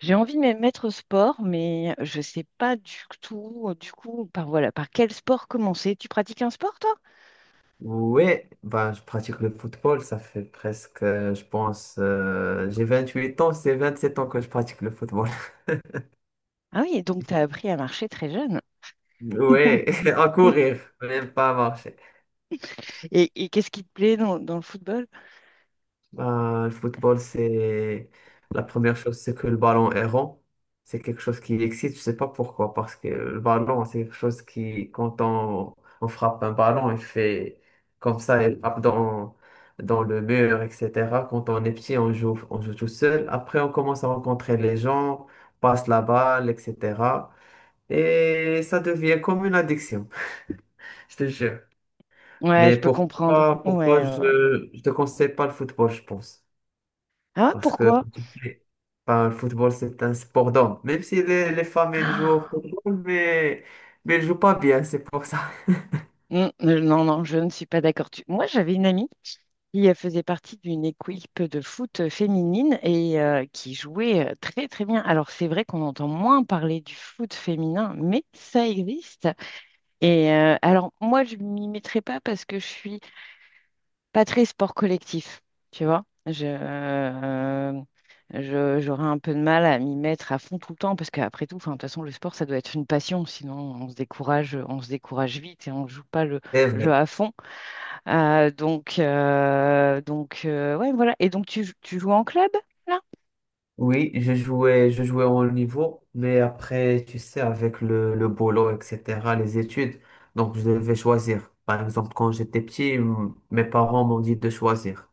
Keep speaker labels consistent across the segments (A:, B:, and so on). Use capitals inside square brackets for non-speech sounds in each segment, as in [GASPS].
A: J'ai envie de me mettre au sport, mais je sais pas du tout, du coup, par voilà, par quel sport commencer. Tu pratiques un sport, toi?
B: Ouais, bah, je pratique le football, ça fait presque, je pense, j'ai 28 ans, c'est 27 ans que je pratique le football. [LAUGHS]
A: Ah oui, donc tu as appris à marcher très jeune.
B: Ouais, [LAUGHS] à
A: [LAUGHS]
B: courir, même pas à marcher.
A: Et qu'est-ce qui te plaît dans le football?
B: Ben, le football, c'est la première chose, c'est que le ballon est rond. C'est quelque chose qui excite, je sais pas pourquoi, parce que le ballon, c'est quelque chose qui, quand on frappe un ballon, il fait comme ça, il frappe dans le mur, etc. Quand on est petit, on joue tout seul. Après, on commence à rencontrer les gens, passe la balle, etc. Et ça devient comme une addiction, je te jure.
A: Ouais,
B: Mais
A: je peux comprendre. Ouais,
B: pourquoi
A: ouais,
B: je
A: ouais.
B: ne te conseille pas le football, je pense.
A: Ah,
B: Parce que
A: pourquoi?
B: enfin, le football, c'est un sport d'homme. Même si les femmes, elles jouent au
A: [GASPS]
B: football, mais elles jouent pas bien, c'est pour ça.
A: Ah, non, non, je ne suis pas d'accord. Tu- Moi, j'avais une amie qui faisait partie d'une équipe de foot féminine et qui jouait très très bien. Alors c'est vrai qu'on entend moins parler du foot féminin, mais ça existe. Et alors moi je m'y mettrai pas parce que je suis pas très sport collectif, tu vois. J'aurais un peu de mal à m'y mettre à fond tout le temps parce qu'après tout, enfin, de toute façon le sport ça doit être une passion, sinon on se décourage vite et on joue pas le
B: [LAUGHS] C'est
A: jeu
B: vrai.
A: à fond. Ouais, voilà. Et donc, tu joues en club, là?
B: Oui, je jouais au haut niveau, mais après, tu sais, avec le boulot, etc., les études, donc je devais choisir. Par exemple, quand j'étais petit, mes parents m'ont dit de choisir.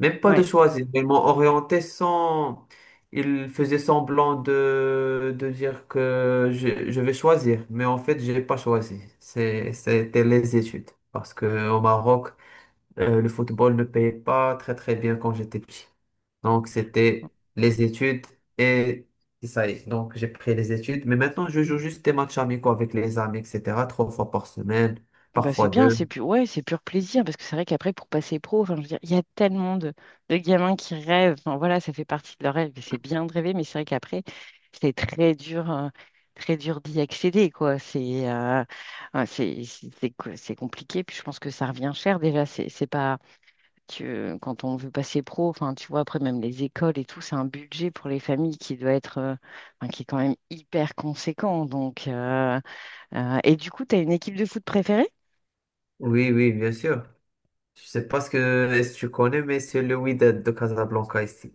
B: Même pas de
A: Ouais.
B: choisir. Ils m'ont orienté sans. Ils faisaient semblant de dire que je vais choisir. Mais en fait, je n'ai pas choisi. C'était les études. Parce que au Maroc, le football ne payait pas très très bien quand j'étais petit. Donc, c'était les études et et ça y est. Donc, j'ai pris les études. Mais maintenant, je joue juste des matchs amicaux avec les amis, etc. Trois fois par semaine,
A: Bah, c'est
B: parfois
A: bien,
B: deux.
A: c'est pur, ouais, c'est pur plaisir, parce que c'est vrai qu'après, pour passer pro, enfin, je veux dire, il y a tellement de gamins qui rêvent. Enfin, voilà, ça fait partie de leur rêve, et c'est bien de rêver, mais c'est vrai qu'après, c'est très dur d'y accéder, quoi. C'est ouais, c'est compliqué, puis je pense que ça revient cher, déjà, c'est pas... que quand on veut passer pro, enfin, tu vois, après même les écoles et tout, c'est un budget pour les familles qui doit être, enfin, qui est quand même hyper conséquent. Donc, et du coup, tu as une équipe de foot préférée?
B: Oui, oui, bien sûr. Je sais pas ce que est-ce que tu connais, mais c'est le Wydad de Casablanca ici.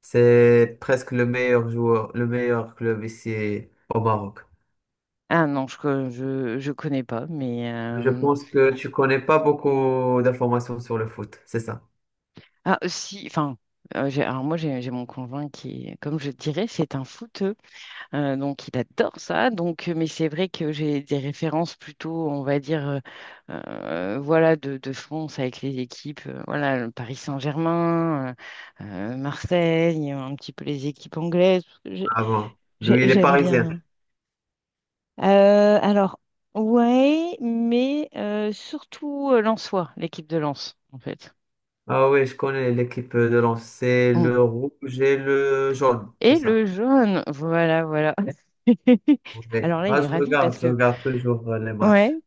B: C'est presque le meilleur joueur, le meilleur club ici au Maroc.
A: Ah non, je connais pas, mais
B: Je pense que tu connais pas beaucoup d'informations sur le foot, c'est ça.
A: ah si, enfin, alors moi j'ai mon conjoint qui, est- comme je te dirais, c'est un foot. Il adore ça. Donc, mais c'est vrai que j'ai des références plutôt, on va dire, voilà, de France avec les équipes, voilà, le Paris Saint-Germain, euh, Marseille, un petit peu les équipes anglaises, parce que
B: Ah bon. Lui, il est
A: j'aime
B: parisien.
A: bien. Euh, alors, ouais, mais surtout Lensois, l'équipe de Lens, en fait.
B: Ah oui, je connais l'équipe de Lens. C'est
A: Mm.
B: le rouge et le jaune, c'est
A: Et
B: ça.
A: le jaune, voilà, voilà. [LAUGHS]
B: Ouais.
A: Alors là, il
B: Ah,
A: est ravi parce
B: je
A: que,
B: regarde toujours les
A: ouais.
B: matchs.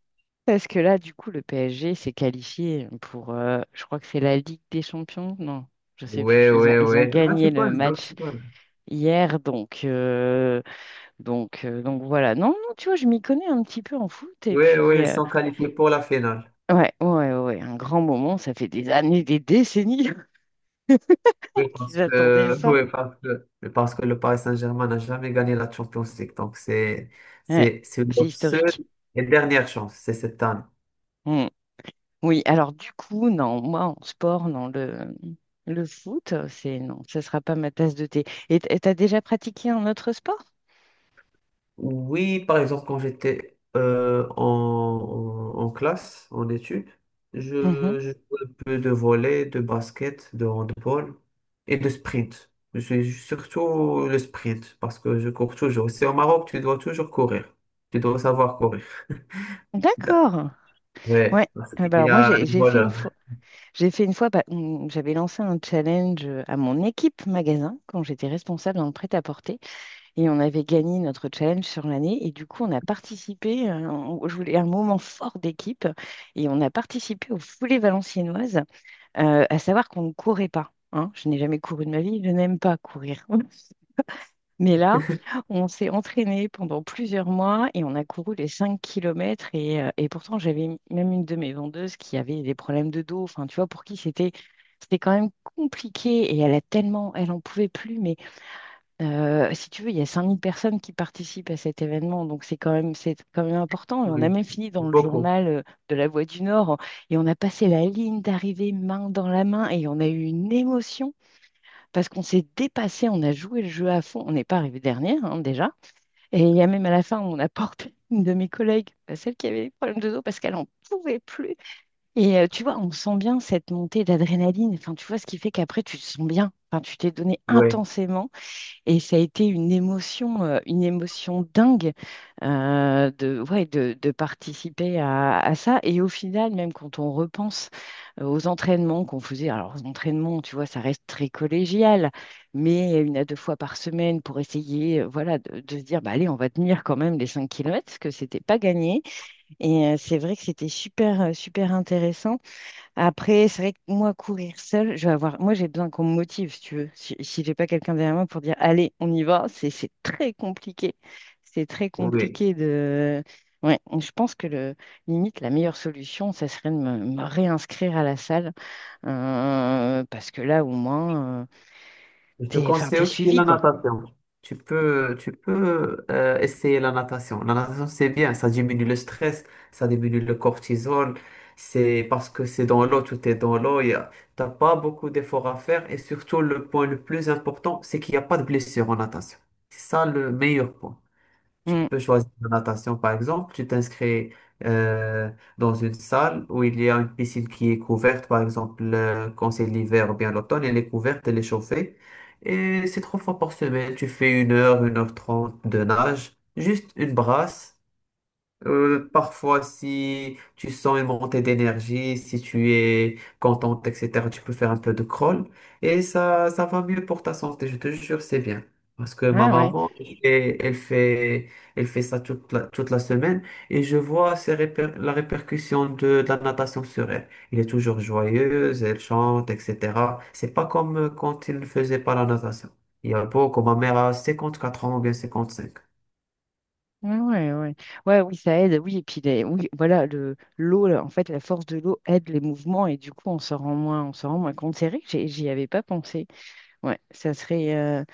A: Parce que là, du coup, le PSG s'est qualifié pour, je crois que c'est la Ligue des Champions. Non, je sais plus.
B: Oui, oui,
A: Ils ont
B: oui. Non, tu
A: gagné le
B: connais, donc
A: match
B: tu connais.
A: hier, donc voilà. Non, non, tu vois, je m'y connais un petit peu en foot. Et
B: Oui, oui,
A: puis,
B: ils sont qualifiés pour la finale.
A: ouais, ouais, ouais, ouais, un grand moment. Ça fait des années, des décennies
B: Oui,
A: [LAUGHS]
B: parce
A: qu'ils attendaient
B: que, [LAUGHS]
A: ça.
B: oui, parce que le Paris Saint-Germain n'a jamais gagné la Champions League. Donc,
A: Ouais,
B: c'est
A: c'est
B: leur seule
A: historique.
B: et dernière chance, c'est cette année.
A: Hmm. Oui, alors du coup, non, moi, en sport, non, le foot, c'est non, ça sera pas ma tasse de thé. Et t- et t'as déjà pratiqué un autre sport?
B: Oui, par exemple, quand j'étais en classe, en études,
A: Mhm.
B: je jouais un peu de volley, de basket, de handball et de sprint. Je suis surtout le sprint parce que je cours toujours. C'est au Maroc, tu dois toujours courir. Tu dois savoir courir. Da-
A: D'accord. Ouais.
B: Ouais, parce
A: Ah
B: qu'il
A: bah
B: y
A: alors moi
B: a les voleurs.
A: j'ai fait une fois bah, on- j'avais lancé un challenge à mon équipe magasin quand j'étais responsable dans le prêt-à-porter et on avait gagné notre challenge sur l'année et du coup on a participé on- je voulais un moment fort d'équipe et on a participé aux foulées valenciennoises, à savoir qu'on ne courait pas hein. Je n'ai jamais couru de ma vie, je n'aime pas courir. Mais là, on s'est entraîné pendant plusieurs mois et on a couru les 5 kilomètres. Et pourtant, j'avais même une de mes vendeuses qui avait des problèmes de dos. Enfin, tu vois, pour qui c'était quand même compliqué. Et elle a tellement, elle en pouvait plus. Mais si tu veux, il y a 5 000 personnes qui participent à cet événement. Donc, c'est quand même important. Et on a
B: Oui,
A: même fini dans le
B: beaucoup.
A: journal de la Voix du Nord. Et on a passé la ligne d'arrivée main dans la main. Et on a eu une émotion parce qu'on s'est dépassé, on a joué le jeu à fond, on n'est pas arrivé dernière hein, déjà. Et il y a même à la fin, on a [LAUGHS] porté une de mes collègues, bah, celle qui avait des problèmes de dos, parce qu'elle n'en pouvait plus. Et tu vois, on sent bien cette montée d'adrénaline, enfin, tu vois ce qui fait qu'après, tu te sens bien, enfin, tu t'es donné
B: Oui,
A: intensément. Et ça a été une émotion dingue, ouais, de participer à ça. Et au final, même quand on repense aux entraînements qu'on faisait, alors aux entraînements, tu vois, ça reste très collégial, mais une à deux fois par semaine pour essayer, voilà, de se dire, bah, allez, on va tenir quand même les 5 kilomètres, parce que c'était pas gagné. Et c'est vrai que c'était super, super intéressant. Après, c'est vrai que moi, courir seule, je vais avoir. Moi, j'ai besoin qu'on me motive, si tu veux. Si j'ai pas quelqu'un derrière moi pour dire, allez, on y va, c'est très compliqué. C'est très
B: oui.
A: compliqué de. Ouais, je pense que le, limite, la meilleure solution, ça serait de me réinscrire à la salle, parce que là, au moins,
B: Je te
A: t'es, enfin,
B: conseille
A: t'es
B: aussi
A: suivi,
B: la
A: quoi.
B: natation. Tu peux essayer la natation. La natation, c'est bien. Ça diminue le stress, ça diminue le cortisol. C'est parce que c'est dans l'eau, tout est dans l'eau. Tu n'as pas beaucoup d'efforts à faire. Et surtout, le point le plus important, c'est qu'il n'y a pas de blessure en natation. C'est ça le meilleur point. Tu
A: Mm.
B: peux choisir la natation, par exemple. Tu t'inscris euh, dans une salle où il y a une piscine qui est couverte, par exemple, quand c'est l'hiver ou bien l'automne, elle est couverte, elle est chauffée. Et c'est trois fois par semaine. Tu fais une heure, 1 h 30 de nage, juste une brasse. Parfois, si tu sens une montée d'énergie, si tu es contente, etc., tu peux faire un peu de crawl et ça va mieux pour ta santé, je te jure, c'est bien. Parce que ma
A: Ah ouais.
B: maman, elle fait ça toute toute la semaine et je vois la répercussion de la natation sur elle. Elle est toujours joyeuse, elle chante, etc. C'est pas comme quand elle ne faisait pas la natation. Il y a beaucoup, ma mère a 54 ans ou bien 55.
A: Ouais, ouais, ouais. Ouais, oui, ça aide. Oui, et puis les- oui, voilà, le l'eau, là, en fait, la force de l'eau aide les mouvements et du coup, on s'en rend moins compte. C'est vrai que j'ai- j'y avais pas pensé. Ouais, ça serait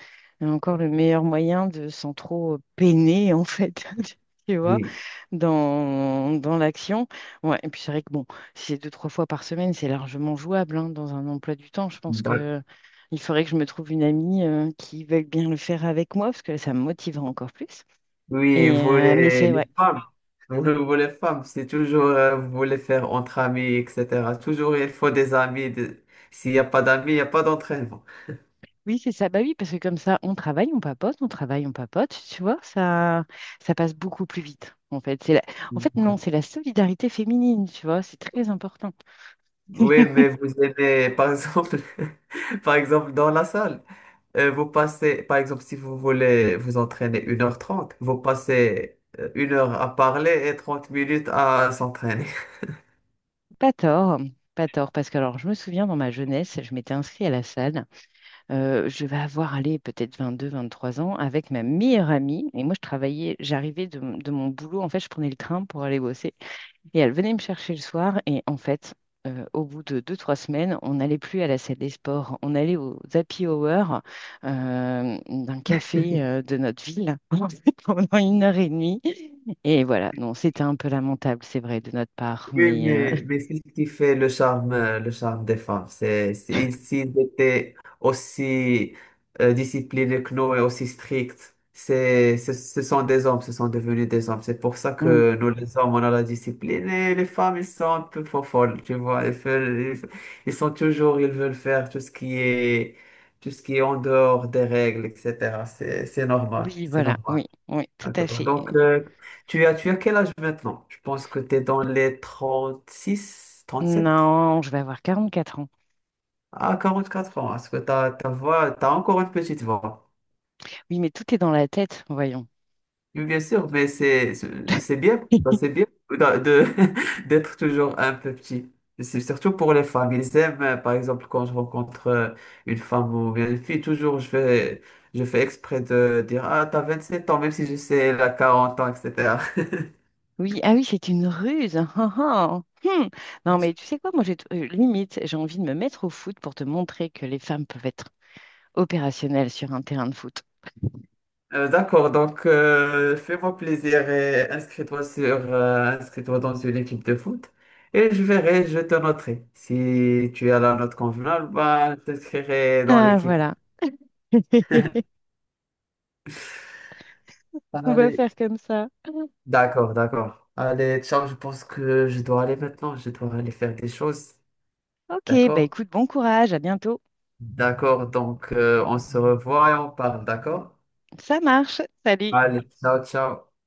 A: encore le meilleur moyen de sans trop peiner, en fait, [LAUGHS] tu vois,
B: Oui.
A: dans l'action. Ouais, et puis c'est vrai que bon, si c'est deux, trois fois par semaine, c'est largement jouable hein, dans un emploi du temps. Je pense que il faudrait que je me trouve une amie qui veuille bien le faire avec moi parce que ça me motiverait encore plus.
B: Oui,
A: Et mais c'est ouais.
B: vous, vous les femmes, c'est toujours, vous voulez faire entre amis, etc. Toujours, il faut des amis. S'il n'y a pas d'amis, il n'y a pas d'entraînement.
A: Oui, c'est ça. Bah oui, parce que comme ça, on travaille, on papote, on travaille, on papote. Tu vois, ça passe beaucoup plus vite. En fait, c'est la... en fait, non,
B: Voilà.
A: c'est la solidarité féminine. Tu vois, c'est très important.
B: Oui, mais vous aimez, par exemple, [LAUGHS] par exemple, dans la salle, vous passez, par exemple, si vous voulez vous entraîner 1 h 30, vous passez 1 heure à parler et 30 minutes à s'entraîner.
A: Pas tort, pas tort. Parce que alors, je me souviens dans ma jeunesse, je m'étais inscrite à la salle. Je vais avoir allé peut-être 22, 23 ans avec ma meilleure amie. Et moi, je travaillais, j'arrivais de mon boulot. En fait, je prenais le train pour aller bosser. Et elle venait me chercher le soir. Et en fait, au bout de deux, trois semaines, on n'allait plus à la salle des sports. On allait au happy hour d'un café de notre ville [LAUGHS] en fait, pendant une heure et demie. Et voilà, non, c'était un peu lamentable, c'est vrai, de notre part.
B: Oui,
A: Mais
B: mais c'est ce qui fait le charme des femmes. S'ils étaient aussi disciplinés que nous et aussi stricts, c'est, ce sont des hommes, ce sont devenus des hommes. C'est pour ça
A: mm,
B: que nous, les hommes, on a la discipline et les femmes, ils sont un peu folles, tu vois. Ils sont toujours, ils veulent faire tout ce qui est, tout ce qui est en dehors des règles, etc. C'est
A: [LAUGHS]
B: normal,
A: oui,
B: c'est
A: voilà,
B: normal.
A: oui, oui, tout à
B: D'accord.
A: fait.
B: Donc, tu as quel âge maintenant? Je pense que tu es dans les 36, 37
A: Non, je vais avoir 44 ans.
B: à 44 ans. Est-ce que ta voix, tu as encore une petite voix?
A: Oui, mais tout est dans la tête, voyons.
B: Oui, bien sûr, mais
A: [LAUGHS]
B: c'est bien [LAUGHS] d'être toujours un peu petit. C'est surtout pour les femmes. Ils aiment, par exemple, quand je rencontre une femme ou bien une fille, toujours je fais exprès de dire, ah, t'as 27 ans, même si je sais, la 40 ans, etc.
A: Oui, ah oui, c'est une ruse. [LAUGHS] Ah, ah. Hmm. Non, mais tu sais quoi, moi, limite, j'ai envie de me mettre au foot pour te montrer que les femmes peuvent être opérationnelles sur un terrain de foot.
B: D'accord, donc fais-moi plaisir et inscris-toi dans une équipe de foot et je verrai, je te noterai. Si tu as la note convenable, bah, je t'inscrirai dans
A: Ah,
B: l'équipe.
A: voilà. [LAUGHS] On va
B: Allez,
A: faire comme ça.
B: d'accord, d'accord. Allez, ciao. Je pense que je dois aller maintenant, je dois aller faire des choses.
A: Ok, bah
B: D'accord?
A: écoute, bon courage, à bientôt.
B: D'accord, donc on se revoit et on parle, d'accord?
A: Ça marche. Salut.
B: Allez, ciao, ciao.